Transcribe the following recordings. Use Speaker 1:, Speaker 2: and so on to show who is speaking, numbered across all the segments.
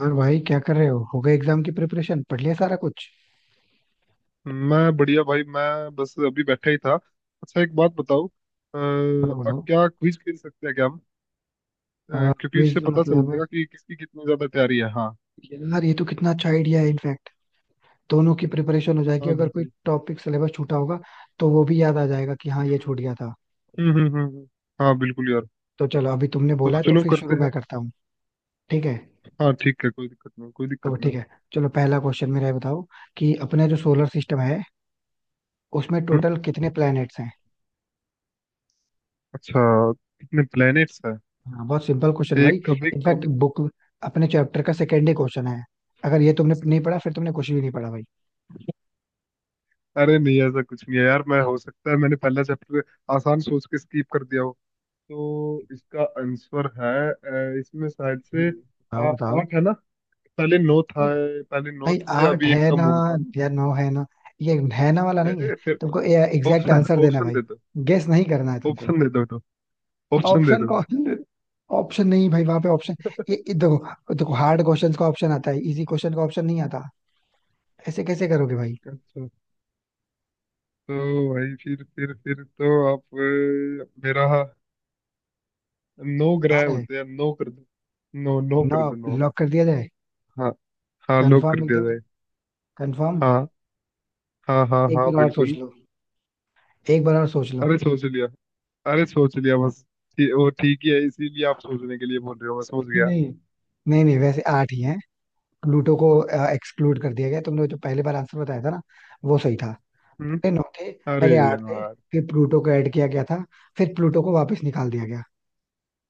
Speaker 1: और भाई, क्या कर रहे हो? हो गए एग्जाम की प्रिपरेशन? पढ़ लिया सारा कुछ?
Speaker 2: मैं बढ़िया भाई। मैं बस अभी बैठा ही था। अच्छा, एक बात बताओ,
Speaker 1: बोलो बोलो।
Speaker 2: क्या क्विज खेल सकते हैं क्या हम? क्योंकि उससे
Speaker 1: क्विज
Speaker 2: पता चल
Speaker 1: मतलब?
Speaker 2: जाएगा कि किसकी कितनी ज्यादा तैयारी है। हाँ।
Speaker 1: यार ये तो कितना अच्छा आइडिया है इनफैक्ट। दोनों की प्रिपरेशन हो जाएगी
Speaker 2: हाँ
Speaker 1: अगर कोई
Speaker 2: बिल्कुल।
Speaker 1: टॉपिक सिलेबस छूटा होगा तो वो भी याद आ जाएगा कि हाँ, ये
Speaker 2: हम्म,
Speaker 1: छूट गया था।
Speaker 2: हम्म, हम्म, हाँ बिल्कुल यार,
Speaker 1: तो चलो, अभी तुमने
Speaker 2: तो
Speaker 1: बोला है तो
Speaker 2: चलो
Speaker 1: फिर
Speaker 2: करते
Speaker 1: शुरू
Speaker 2: हैं।
Speaker 1: मैं करता हूँ। ठीक है,
Speaker 2: हाँ ठीक है, कोई दिक्कत नहीं, कोई
Speaker 1: तो
Speaker 2: दिक्कत नहीं।
Speaker 1: ठीक है। चलो, पहला क्वेश्चन मेरा ये बताओ कि अपना जो सोलर सिस्टम है उसमें
Speaker 2: हम्म।
Speaker 1: टोटल कितने प्लैनेट्स हैं?
Speaker 2: अच्छा, कितने प्लेनेट्स हैं?
Speaker 1: हाँ, बहुत सिंपल क्वेश्चन
Speaker 2: एक
Speaker 1: भाई।
Speaker 2: कभी
Speaker 1: इनफैक्ट
Speaker 2: कम।
Speaker 1: बुक, अपने चैप्टर का सेकेंड ही क्वेश्चन है। अगर ये तुमने नहीं पढ़ा फिर तुमने कुछ भी नहीं पढ़ा भाई।
Speaker 2: अरे नहीं ऐसा कुछ नहीं है यार, मैं हो सकता है मैंने पहला चैप्टर आसान सोच के स्किप कर दिया हो। तो इसका आंसर है, इसमें शायद से
Speaker 1: बताओ बताओ।
Speaker 2: आठ है ना। पहले नो था,
Speaker 1: नहीं,
Speaker 2: पहले नो
Speaker 1: भाई
Speaker 2: थे,
Speaker 1: आठ
Speaker 2: अभी एक
Speaker 1: है ना
Speaker 2: कम हुआ था।
Speaker 1: या नौ है ना? ये है ना वाला नहीं है।
Speaker 2: फिर
Speaker 1: तुमको एग्जैक्ट
Speaker 2: ऑप्शन
Speaker 1: आंसर देना है
Speaker 2: ऑप्शन
Speaker 1: भाई,
Speaker 2: दे दो।
Speaker 1: गेस नहीं करना है तुमको।
Speaker 2: ऑप्शन दे दो तो, ऑप्शन दे
Speaker 1: ऑप्शन
Speaker 2: दो फिर।
Speaker 1: कौन? ऑप्शन नहीं भाई, वहां पे ऑप्शन? ये देखो देखो, हार्ड क्वेश्चंस का ऑप्शन आता है, इजी क्वेश्चन का ऑप्शन नहीं आता। ऐसे कैसे करोगे भाई?
Speaker 2: अच्छा, तो भाई फिर तो आप, मेरा नो ग्रह
Speaker 1: हार है।
Speaker 2: होते हैं, नो कर दो। नो, नो
Speaker 1: नौ।
Speaker 2: कर दो, नो।
Speaker 1: लॉक कर दिया जाए?
Speaker 2: हाँ। हाँ लो
Speaker 1: कंफर्म
Speaker 2: कर दिया
Speaker 1: एकदम,
Speaker 2: जाए।
Speaker 1: कंफर्म।
Speaker 2: हाँ। हाँ हाँ
Speaker 1: एक
Speaker 2: हाँ
Speaker 1: बार और सोच
Speaker 2: बिल्कुल।
Speaker 1: लो, एक बार और सोच लो।
Speaker 2: अरे सोच लिया, अरे सोच लिया बस। वो ठीक ही है, इसीलिए आप सोचने के लिए बोल रहे हो, मैं सोच
Speaker 1: नहीं
Speaker 2: गया।
Speaker 1: नहीं, नहीं नहीं, वैसे आठ ही है। प्लूटो को एक्सक्लूड कर दिया गया, तुमने जो पहले बार आंसर बताया था ना वो सही था।
Speaker 2: हम्म।
Speaker 1: पहले नौ थे,
Speaker 2: अरे
Speaker 1: पहले आठ थे।
Speaker 2: यार।
Speaker 1: फिर प्लूटो को ऐड किया गया था, फिर प्लूटो को वापस निकाल दिया गया।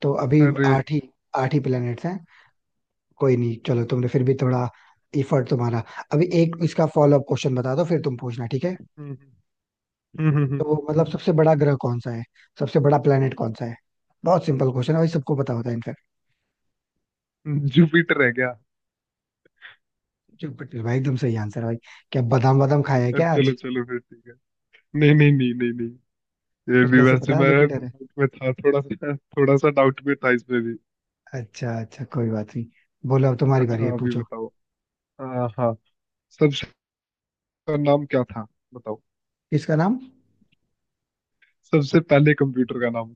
Speaker 1: तो अभी
Speaker 2: अरे।
Speaker 1: आठ ही, आठ ही प्लैनेट्स हैं। कोई नहीं चलो, तुमने फिर भी थोड़ा इफर्ट तुम्हारा। अभी एक इसका फॉलो अप क्वेश्चन बता दो, फिर तुम पूछना, ठीक है?
Speaker 2: हम्म, हम्म, हम्म,
Speaker 1: तो मतलब सबसे बड़ा ग्रह कौन सा है? सबसे बड़ा प्लेनेट कौन सा है? बहुत सिंपल क्वेश्चन है भाई, सबको पता होता है इनफैक्ट।
Speaker 2: जुपिटर है क्या?
Speaker 1: जुपिटर भाई, एकदम सही आंसर भाई। क्या बादाम बादाम खाया है क्या
Speaker 2: चलो
Speaker 1: आज?
Speaker 2: चलो फिर ठीक है। नहीं नहीं नहीं नहीं नहीं, ये
Speaker 1: फिर
Speaker 2: भी
Speaker 1: कैसे
Speaker 2: वैसे
Speaker 1: पता
Speaker 2: मैं
Speaker 1: जुपिटर है?
Speaker 2: डाउट में था, थोड़ा सा डाउट में था इसमें भी।
Speaker 1: अच्छा अच्छा, कोई बात नहीं। बोलो, अब तुम्हारी बारी
Speaker 2: अच्छा,
Speaker 1: है,
Speaker 2: अभी
Speaker 1: पूछो।
Speaker 2: बताओ। हाँ, हाँ। सबसे नाम क्या था, बताओ।
Speaker 1: इसका नाम?
Speaker 2: सबसे पहले कंप्यूटर का नाम।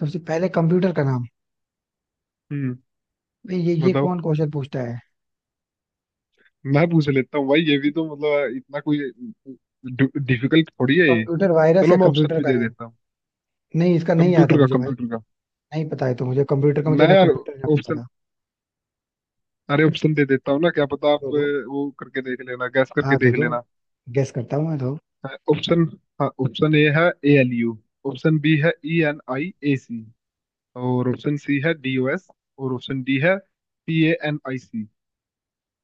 Speaker 1: सबसे पहले कंप्यूटर का नाम?
Speaker 2: हम्म,
Speaker 1: भाई ये
Speaker 2: बताओ।
Speaker 1: कौन क्वेश्चन पूछता है?
Speaker 2: मैं पूछ लेता हूँ भाई, ये भी तो मतलब इतना कोई डिफिकल्ट थोड़ी है ये।
Speaker 1: कंप्यूटर वायरस
Speaker 2: चलो
Speaker 1: या
Speaker 2: मैं ऑप्शन
Speaker 1: कंप्यूटर
Speaker 2: भी
Speaker 1: का
Speaker 2: दे
Speaker 1: नेम?
Speaker 2: देता हूँ।
Speaker 1: नहीं, इसका नहीं आता
Speaker 2: कंप्यूटर का,
Speaker 1: मुझे भाई।
Speaker 2: कंप्यूटर का।
Speaker 1: नहीं पता है, तो मुझे कंप्यूटर का, मुझे
Speaker 2: मैं
Speaker 1: ना
Speaker 2: यार
Speaker 1: कंप्यूटर ना पता
Speaker 2: ऑप्शन,
Speaker 1: था।
Speaker 2: अरे ऑप्शन दे देता हूँ ना, क्या पता आप,
Speaker 1: दो दो,
Speaker 2: वो करके देख लेना, गैस करके
Speaker 1: हाँ दो
Speaker 2: देख
Speaker 1: दो,
Speaker 2: लेना।
Speaker 1: गेस करता हूँ मैं तो।
Speaker 2: ऑप्शन। हाँ, ऑप्शन ए है ALU। ऑप्शन बी है ENIAC। और ऑप्शन सी है DOS। और ऑप्शन डी है PANIC।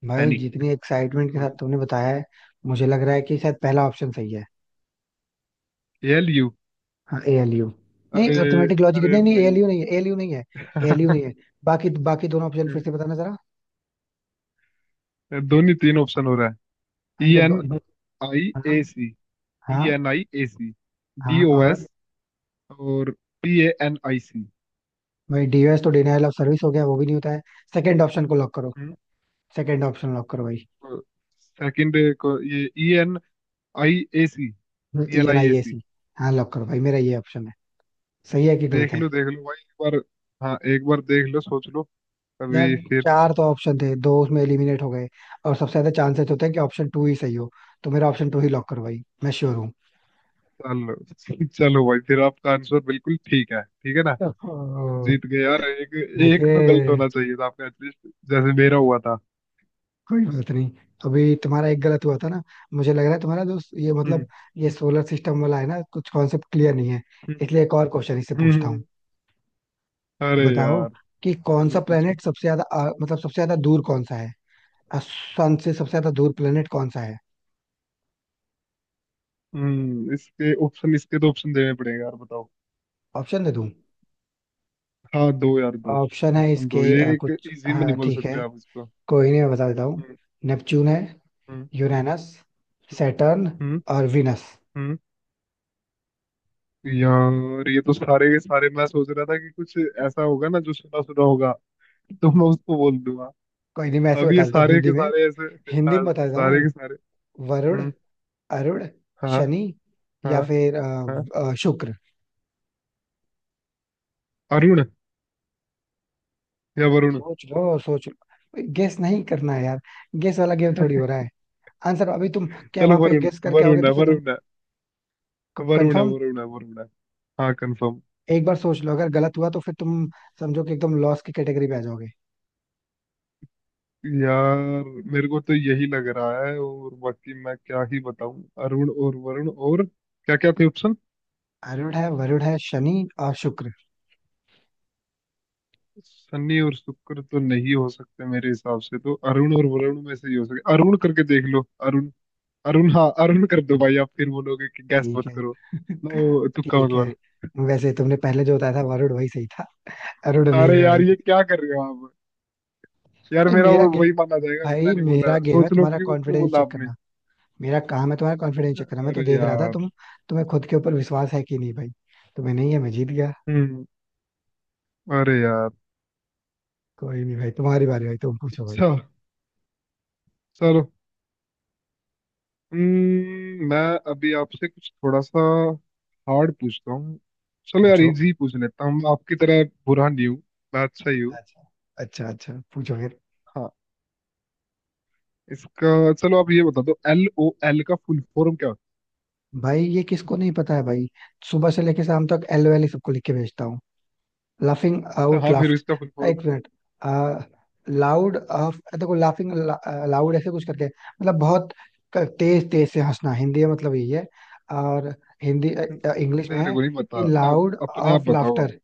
Speaker 1: भाई
Speaker 2: पैनिक
Speaker 1: जितनी एक्साइटमेंट के
Speaker 2: बोल।
Speaker 1: साथ तुमने बताया है, मुझे लग रहा है कि शायद पहला ऑप्शन सही है।
Speaker 2: ALU।
Speaker 1: हाँ, ए एल यू। नहीं,
Speaker 2: अरे।
Speaker 1: अर्थमेटिक लॉजिक,
Speaker 2: अरे
Speaker 1: नहीं नहीं, एल
Speaker 2: भाई।
Speaker 1: यू नहीं है, एल यू नहीं है, एल यू नहीं है। बाकी बाकी दोनों ऑप्शन फिर
Speaker 2: हम्म,
Speaker 1: से बताना जरा।
Speaker 2: दोनों तीन ऑप्शन हो रहा है।
Speaker 1: हाँ
Speaker 2: ई
Speaker 1: तो
Speaker 2: एन
Speaker 1: दो, दो,
Speaker 2: आई ए
Speaker 1: हाँ
Speaker 2: सी ई एन
Speaker 1: हाँ
Speaker 2: आई ए सी डी
Speaker 1: हाँ,
Speaker 2: ओ
Speaker 1: और।
Speaker 2: एस और PANIC।
Speaker 1: भाई डीओएस तो डिनायल ऑफ सर्विस हो गया, वो भी नहीं होता है। सेकंड ऑप्शन को लॉक करो, सेकंड ऑप्शन लॉक करो भाई।
Speaker 2: सेकंड को ये, ENIAC। E
Speaker 1: E
Speaker 2: N
Speaker 1: N
Speaker 2: I A
Speaker 1: I A
Speaker 2: C.
Speaker 1: C. हाँ लॉक करो भाई, मेरा ये ऑप्शन है। सही है कि गलत है?
Speaker 2: देख लो भाई, एक बार। हाँ, एक बार देख लो, सोच लो
Speaker 1: यार,
Speaker 2: तभी फिर।
Speaker 1: चार तो ऑप्शन थे, दो उसमें एलिमिनेट हो गए और सबसे ज्यादा चांसेस होते हैं कि ऑप्शन टू ही सही हो। तो मेरा ऑप्शन टू ही लॉक करो भाई, मैं श्योर हूँ।
Speaker 2: चलो चलो भाई, फिर आपका आंसर बिल्कुल ठीक है, ठीक है ना।
Speaker 1: ओहो,
Speaker 2: जीत गए यार एक। एक तो गलत
Speaker 1: देखिए।
Speaker 2: होना चाहिए था आपका एटलीस्ट, जैसे मेरा हुआ था।
Speaker 1: कोई बात नहीं, अभी तुम्हारा एक गलत हुआ था ना, मुझे लग रहा है तुम्हारा दोस्त ये
Speaker 2: हम्म,
Speaker 1: मतलब, ये सोलर सिस्टम वाला है ना, कुछ कॉन्सेप्ट क्लियर नहीं है।
Speaker 2: हम्म,
Speaker 1: इसलिए एक और क्वेश्चन इससे
Speaker 2: हम्म,
Speaker 1: पूछता हूँ।
Speaker 2: हम्म। अरे
Speaker 1: बताओ
Speaker 2: यार।
Speaker 1: कि कौन
Speaker 2: चलो
Speaker 1: सा
Speaker 2: पूछो।
Speaker 1: प्लेनेट सबसे ज्यादा मतलब सबसे ज्यादा दूर कौन सा है? सन से सबसे ज्यादा दूर प्लेनेट कौन सा है?
Speaker 2: हम्म, इसके तो ऑप्शन देने पड़ेंगे यार, बताओ।
Speaker 1: ऑप्शन दे दूं?
Speaker 2: हाँ दो यार दो।
Speaker 1: ऑप्शन है
Speaker 2: ऑप्शन
Speaker 1: इसके
Speaker 2: दो, ये एक
Speaker 1: कुछ,
Speaker 2: इजी में नहीं
Speaker 1: हाँ
Speaker 2: बोल
Speaker 1: ठीक
Speaker 2: सकते
Speaker 1: है।
Speaker 2: आप इसको।
Speaker 1: कोई नहीं मैं बता देता हूँ।
Speaker 2: हम्म,
Speaker 1: नेपच्यून है।
Speaker 2: हम्म,
Speaker 1: यूरेनस।
Speaker 2: हम्म,
Speaker 1: सैटर्न।
Speaker 2: हम्म,
Speaker 1: और विनस।
Speaker 2: हम्म। यार ये तो सारे के सारे, मैं सोच रहा था कि कुछ ऐसा होगा ना जो सुना सुना होगा, तो मैं उसको बोल दूंगा।
Speaker 1: कोई नहीं, मैं ऐसे
Speaker 2: अब ये
Speaker 1: बता देता हूँ
Speaker 2: सारे के
Speaker 1: हिंदी में,
Speaker 2: सारे ऐसे,
Speaker 1: हिंदी में बता देता
Speaker 2: सारे
Speaker 1: हूँ।
Speaker 2: के सारे।
Speaker 1: वरुण।
Speaker 2: हम्म।
Speaker 1: अरुण।
Speaker 2: हाँ,
Speaker 1: शनि, या
Speaker 2: हाँ,
Speaker 1: फिर
Speaker 2: हाँ।
Speaker 1: शुक्र।
Speaker 2: अरुण या वरुण।
Speaker 1: सोच लो, सोच लो, गेस नहीं करना है यार, गेस वाला गेम थोड़ी हो रहा है। आंसर अभी तुम क्या
Speaker 2: चलो
Speaker 1: वहां पे
Speaker 2: वरुण।
Speaker 1: गेस करके आओगे?
Speaker 2: वरुण है,
Speaker 1: तो फिर
Speaker 2: वरुण
Speaker 1: तुम।
Speaker 2: है, वरुण है,
Speaker 1: कंफर्म,
Speaker 2: वरुण है, वरुण है। हाँ, कंफर्म।
Speaker 1: एक बार सोच लो, अगर गलत हुआ तो फिर तुम समझो कि एकदम लॉस की कैटेगरी में आ जाओगे।
Speaker 2: यार मेरे को तो यही लग रहा है, और बाकी मैं क्या ही बताऊं, अरुण और वरुण और क्या क्या थे?
Speaker 1: अरुण है, वरुण है, शनि और शुक्र।
Speaker 2: शनि और शुक्र तो नहीं हो सकते मेरे हिसाब से, तो अरुण और वरुण में से ही हो सके। अरुण करके देख लो। अरुण, अरुण, हाँ अरुण कर दो भाई, आप फिर बोलोगे कि गैस
Speaker 1: ठीक
Speaker 2: मत
Speaker 1: है।
Speaker 2: करो, ना वो तुक्का मत
Speaker 1: ठीक है।
Speaker 2: मारो।
Speaker 1: वैसे तुमने पहले जो बताया था, वरुण, वही सही था। अरुण नहीं
Speaker 2: अरे
Speaker 1: है
Speaker 2: यार
Speaker 1: भाई।
Speaker 2: ये क्या कर रहे हो आप? यार
Speaker 1: भाई
Speaker 2: मेरा
Speaker 1: मेरा
Speaker 2: वो
Speaker 1: गेम
Speaker 2: वही माना जाएगा, मैं
Speaker 1: भाई
Speaker 2: नहीं बोल
Speaker 1: मेरा
Speaker 2: रहा
Speaker 1: गेम है
Speaker 2: सोच लो,
Speaker 1: तुम्हारा
Speaker 2: क्यों क्यों
Speaker 1: कॉन्फिडेंस
Speaker 2: बोला
Speaker 1: चेक
Speaker 2: आपने?
Speaker 1: करना। मेरा काम है तुम्हारा कॉन्फिडेंस चेक करना, मैं तो
Speaker 2: अरे
Speaker 1: देख रहा था तुम।
Speaker 2: यार।
Speaker 1: तुम्हें खुद के ऊपर विश्वास है कि नहीं भाई? तुम्हें नहीं है, मैं जीत गया।
Speaker 2: हम्म। अरे यार।
Speaker 1: कोई नहीं भाई, तुम्हारी बारी भाई, तुम पूछो भाई।
Speaker 2: अच्छा, चलो। हम्म। मैं अभी आपसे कुछ थोड़ा सा हार्ड पूछता हूँ। चलो यार,
Speaker 1: पूछो।
Speaker 2: इजी पूछ लेता हूँ, मैं आपकी तरह बुरा नहीं हूँ, मैं अच्छा ही हूँ।
Speaker 1: अच्छा अच्छा अच्छा, पूछो फिर।
Speaker 2: हाँ, इसका चलो आप ये बता दो, LOL का फुल फॉर्म क्या होता
Speaker 1: भाई ये किसको नहीं पता है भाई? सुबह से लेके शाम तक एल वैली सबको लिख के भेजता हूँ। लाफिंग
Speaker 2: है? अच्छा,
Speaker 1: आउट
Speaker 2: हाँ फिर
Speaker 1: लाफ्ट।
Speaker 2: इसका फुल फॉर्म?
Speaker 1: एक मिनट। लाउड ऑफ, देखो, लाफिंग लाउड ऐसे कुछ करके, मतलब बहुत तेज तेज से हंसना, हिंदी में मतलब यही है। और हिंदी, इंग्लिश में
Speaker 2: मेरे
Speaker 1: है
Speaker 2: को नहीं पता,
Speaker 1: कि
Speaker 2: आप
Speaker 1: लाउड
Speaker 2: अपने आप
Speaker 1: ऑफ
Speaker 2: बताओ आप।
Speaker 1: लाफ्टर।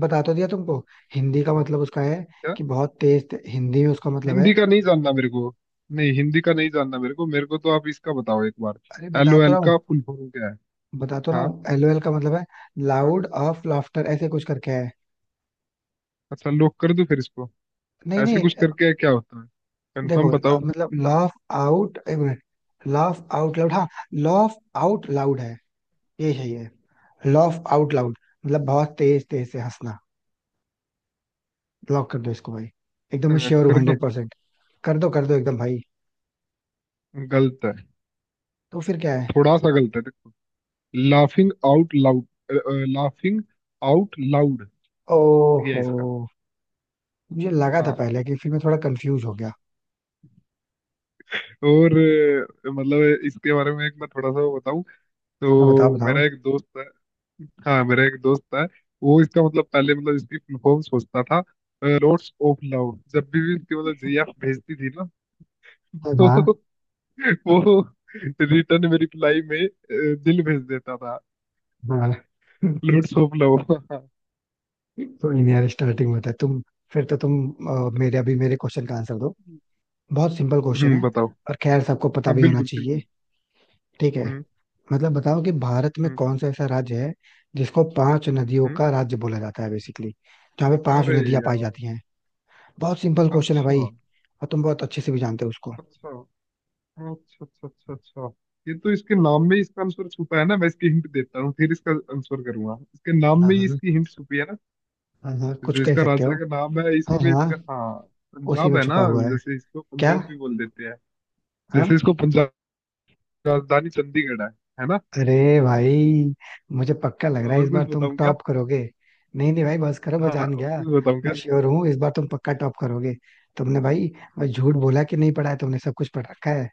Speaker 1: बता तो दिया तुमको, हिंदी का
Speaker 2: अच्छा,
Speaker 1: मतलब उसका है
Speaker 2: क्या?
Speaker 1: कि बहुत तेज हिंदी में उसका मतलब
Speaker 2: हिंदी
Speaker 1: है।
Speaker 2: का नहीं जानना मेरे को। नहीं, हिंदी का नहीं जानना मेरे को, मेरे को तो आप इसका बताओ एक बार।
Speaker 1: अरे
Speaker 2: एल
Speaker 1: बता
Speaker 2: ओ
Speaker 1: तो
Speaker 2: एल
Speaker 1: रहा हूँ।
Speaker 2: का फुल फॉर्म क्या है?
Speaker 1: बता तो रहा
Speaker 2: हाँ।
Speaker 1: हूँ, एलओएल का मतलब है
Speaker 2: हाँ,
Speaker 1: लाउड ऑफ लाफ्टर ऐसे कुछ करके है।
Speaker 2: अच्छा लॉक कर दूं फिर इसको?
Speaker 1: नहीं
Speaker 2: ऐसे
Speaker 1: नहीं।
Speaker 2: कुछ करके क्या होता है?
Speaker 1: देखो
Speaker 2: कंफर्म बताओ।
Speaker 1: मतलब लाफ आउट, एक मिनट, लाफ आउट लाउड, हाँ, लाफ आउट लाउड है, ये सही है, लाफ आउट लाउड मतलब बहुत तेज तेज से हंसना। ब्लॉक कर दो इसको भाई, एकदम
Speaker 2: हाँ,
Speaker 1: श्योर हूँ
Speaker 2: कर दो।
Speaker 1: 100%। कर दो, कर दो एकदम भाई।
Speaker 2: गलत है।
Speaker 1: तो फिर क्या है?
Speaker 2: थोड़ा सा गलत है, देखो, laughing out loud, laughing out loud, ये है
Speaker 1: ओहो,
Speaker 2: इसका।
Speaker 1: मुझे लगा था
Speaker 2: हाँ।
Speaker 1: पहले, कि फिर मैं थोड़ा कंफ्यूज हो गया।
Speaker 2: और, मतलब इसके बारे में एक मैं थोड़ा सा बताऊं,
Speaker 1: हाँ बताओ
Speaker 2: तो मेरा
Speaker 1: बताओ।
Speaker 2: एक दोस्त है। हाँ, मेरा एक दोस्त है, वो इसका मतलब, पहले मतलब इसकी फुल फॉर्म सोचता था लॉर्ड्स ऑफ लव। जब भी इसकी मतलब GF भेजती थी ना
Speaker 1: हाँ हाँ
Speaker 2: तो वो रिटर्न में, रिप्लाई में दिल भेज देता था।
Speaker 1: हाँ।
Speaker 2: लॉर्ड्स ऑफ लव
Speaker 1: कोई नहीं यार, स्टार्टिंग में था तुम, फिर तो तुम मेरे अभी मेरे क्वेश्चन का आंसर दो। बहुत सिंपल क्वेश्चन
Speaker 2: हम्म,
Speaker 1: है,
Speaker 2: बताओ।
Speaker 1: और खैर सबको पता
Speaker 2: हाँ
Speaker 1: भी होना
Speaker 2: बिल्कुल
Speaker 1: चाहिए,
Speaker 2: सिंपल।
Speaker 1: ठीक है?
Speaker 2: हम्म,
Speaker 1: मतलब बताओ कि भारत में
Speaker 2: हम्म,
Speaker 1: कौन सा ऐसा राज्य है जिसको पांच नदियों
Speaker 2: हम्म।
Speaker 1: का राज्य बोला जाता है बेसिकली, जहाँ पे पांच
Speaker 2: अरे
Speaker 1: नदियां पाई
Speaker 2: यार।
Speaker 1: जाती हैं? बहुत सिंपल क्वेश्चन है भाई,
Speaker 2: अच्छा,
Speaker 1: और तुम बहुत अच्छे से भी जानते हो उसको।
Speaker 2: अच्छा, अच्छा, अच्छा। अच्छा, अच्छा, ये तो इसके नाम में ही इसका आंसर छुपा है ना। मैं इसकी हिंट देता हूँ, फिर इसका आंसर करूंगा, इसके नाम
Speaker 1: हाँ
Speaker 2: में ही
Speaker 1: हाँ
Speaker 2: इसकी हिंट छुपी है ना।
Speaker 1: हाँ हाँ, कुछ
Speaker 2: जो
Speaker 1: कह
Speaker 2: इसका
Speaker 1: सकते
Speaker 2: राजा
Speaker 1: हो।
Speaker 2: का नाम है,
Speaker 1: हाँ
Speaker 2: इसी में
Speaker 1: हाँ,
Speaker 2: इसका, हाँ
Speaker 1: उसी
Speaker 2: पंजाब
Speaker 1: में
Speaker 2: है ना।
Speaker 1: छुपा हुआ है।
Speaker 2: जैसे इसको
Speaker 1: क्या?
Speaker 2: पंजाब भी बोल देते हैं।
Speaker 1: हाँ।
Speaker 2: जैसे इसको पंजाब, राजधानी चंडीगढ़ है ना?
Speaker 1: अरे भाई, मुझे पक्का लग रहा है
Speaker 2: और
Speaker 1: इस
Speaker 2: कुछ
Speaker 1: बार तुम
Speaker 2: बताऊं क्या?
Speaker 1: टॉप करोगे। नहीं नहीं भाई, बस करो, मैं
Speaker 2: हाँ,
Speaker 1: जान
Speaker 2: और कुछ
Speaker 1: गया।
Speaker 2: बताऊं
Speaker 1: मैं
Speaker 2: क्या?
Speaker 1: श्योर हूँ इस बार तुम पक्का टॉप करोगे। तुमने भाई, भाई झूठ बोला कि नहीं पढ़ा, है तुमने सब कुछ पढ़ रखा है।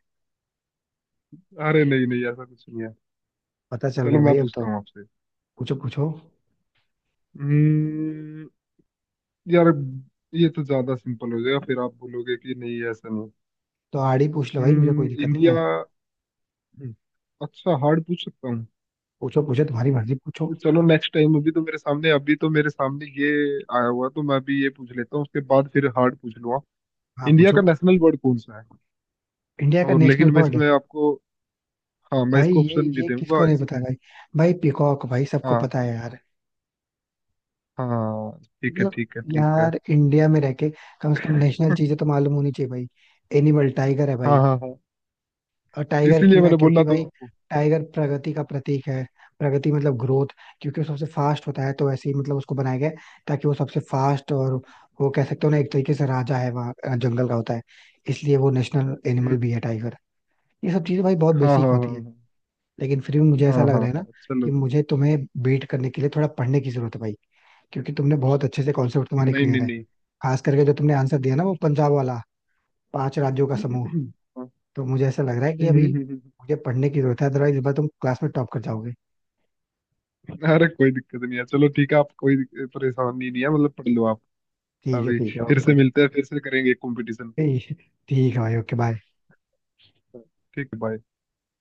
Speaker 2: अरे नहीं, नहीं ऐसा कुछ नहीं है।
Speaker 1: पता चल रहा
Speaker 2: चलो
Speaker 1: है
Speaker 2: मैं
Speaker 1: भाई अब तो।
Speaker 2: पूछता हूँ आपसे।
Speaker 1: पूछो पूछो।
Speaker 2: हम्म। यार ये तो ज्यादा सिंपल हो जाएगा, फिर आप बोलोगे कि नहीं ऐसा नहीं।
Speaker 1: तो आड़ी पूछ लो भाई, मुझे कोई दिक्कत नहीं
Speaker 2: इंडिया।
Speaker 1: है।
Speaker 2: हम्म, अच्छा हार्ड पूछ सकता हूँ।
Speaker 1: पूछो पूछो, तुम्हारी मर्जी, पूछो।
Speaker 2: चलो नेक्स्ट टाइम, अभी तो मेरे सामने, अभी तो मेरे सामने ये आया हुआ तो मैं अभी ये पूछ लेता हूँ, उसके बाद फिर हार्ड पूछ लूंगा।
Speaker 1: हाँ
Speaker 2: इंडिया का
Speaker 1: पूछो।
Speaker 2: नेशनल बर्ड कौन सा है?
Speaker 1: इंडिया का
Speaker 2: और
Speaker 1: नेशनल
Speaker 2: लेकिन मैं
Speaker 1: बर्ड?
Speaker 2: इसमें आपको, हाँ मैं
Speaker 1: भाई
Speaker 2: इसको
Speaker 1: ये
Speaker 2: ऑप्शन भी
Speaker 1: ये
Speaker 2: दूंगा
Speaker 1: किसको नहीं पता है
Speaker 2: इसमें।
Speaker 1: भाई? भाई पीकॉक भाई, सबको
Speaker 2: हाँ,
Speaker 1: पता है यार।
Speaker 2: हाँ ठीक है,
Speaker 1: मतलब
Speaker 2: ठीक है, ठीक है।
Speaker 1: यार, इंडिया में रह के कम से कम नेशनल चीजें तो मालूम होनी चाहिए भाई। एनिमल टाइगर है
Speaker 2: हाँ
Speaker 1: भाई।
Speaker 2: हाँ हाँ,
Speaker 1: और टाइगर
Speaker 2: इसीलिए
Speaker 1: क्यों है?
Speaker 2: मैंने बोला
Speaker 1: क्योंकि
Speaker 2: तो
Speaker 1: भाई,
Speaker 2: आपको।
Speaker 1: टाइगर प्रगति का प्रतीक है। प्रगति मतलब ग्रोथ। क्योंकि वो सबसे फास्ट होता है, तो ऐसे ही मतलब उसको बनाया गया है, ताकि वो सबसे फास्ट, और वो कह सकते हो ना, एक तरीके से राजा है वहाँ, जंगल का होता है। इसलिए वो नेशनल एनिमल
Speaker 2: हम्म।
Speaker 1: भी है टाइगर। ये सब चीजें भाई बहुत
Speaker 2: हाँ
Speaker 1: बेसिक
Speaker 2: हाँ
Speaker 1: होती है।
Speaker 2: हाँ
Speaker 1: लेकिन फिर भी मुझे
Speaker 2: हाँ
Speaker 1: ऐसा लग
Speaker 2: हाँ हाँ
Speaker 1: रहा है
Speaker 2: हाँ,
Speaker 1: ना कि
Speaker 2: चलो।
Speaker 1: मुझे तुम्हें बीट करने के लिए थोड़ा पढ़ने की जरूरत है भाई, क्योंकि तुमने बहुत अच्छे से कॉन्सेप्ट, तुम्हारे
Speaker 2: नहीं
Speaker 1: क्लियर
Speaker 2: नहीं
Speaker 1: है।
Speaker 2: नहीं।
Speaker 1: खास करके जो तुमने आंसर दिया ना, वो पंजाब वाला, पांच राज्यों का समूह।
Speaker 2: हाँ,
Speaker 1: तो मुझे ऐसा लग रहा है कि अभी मुझे पढ़ने की जरूरत है, अदरवाइज इस बार तुम क्लास में टॉप कर जाओगे।
Speaker 2: अरे कोई दिक्कत नहीं है, चलो ठीक है आप, कोई परेशानी नहीं है, मतलब पढ़ लो आप।
Speaker 1: ठीक है,
Speaker 2: अभी
Speaker 1: ठीक है,
Speaker 2: फिर से
Speaker 1: ओके।
Speaker 2: मिलते हैं, फिर से करेंगे कंपटीशन।
Speaker 1: ठीक, ठीक है भाई, ओके बाय।
Speaker 2: ठीक है, बाय।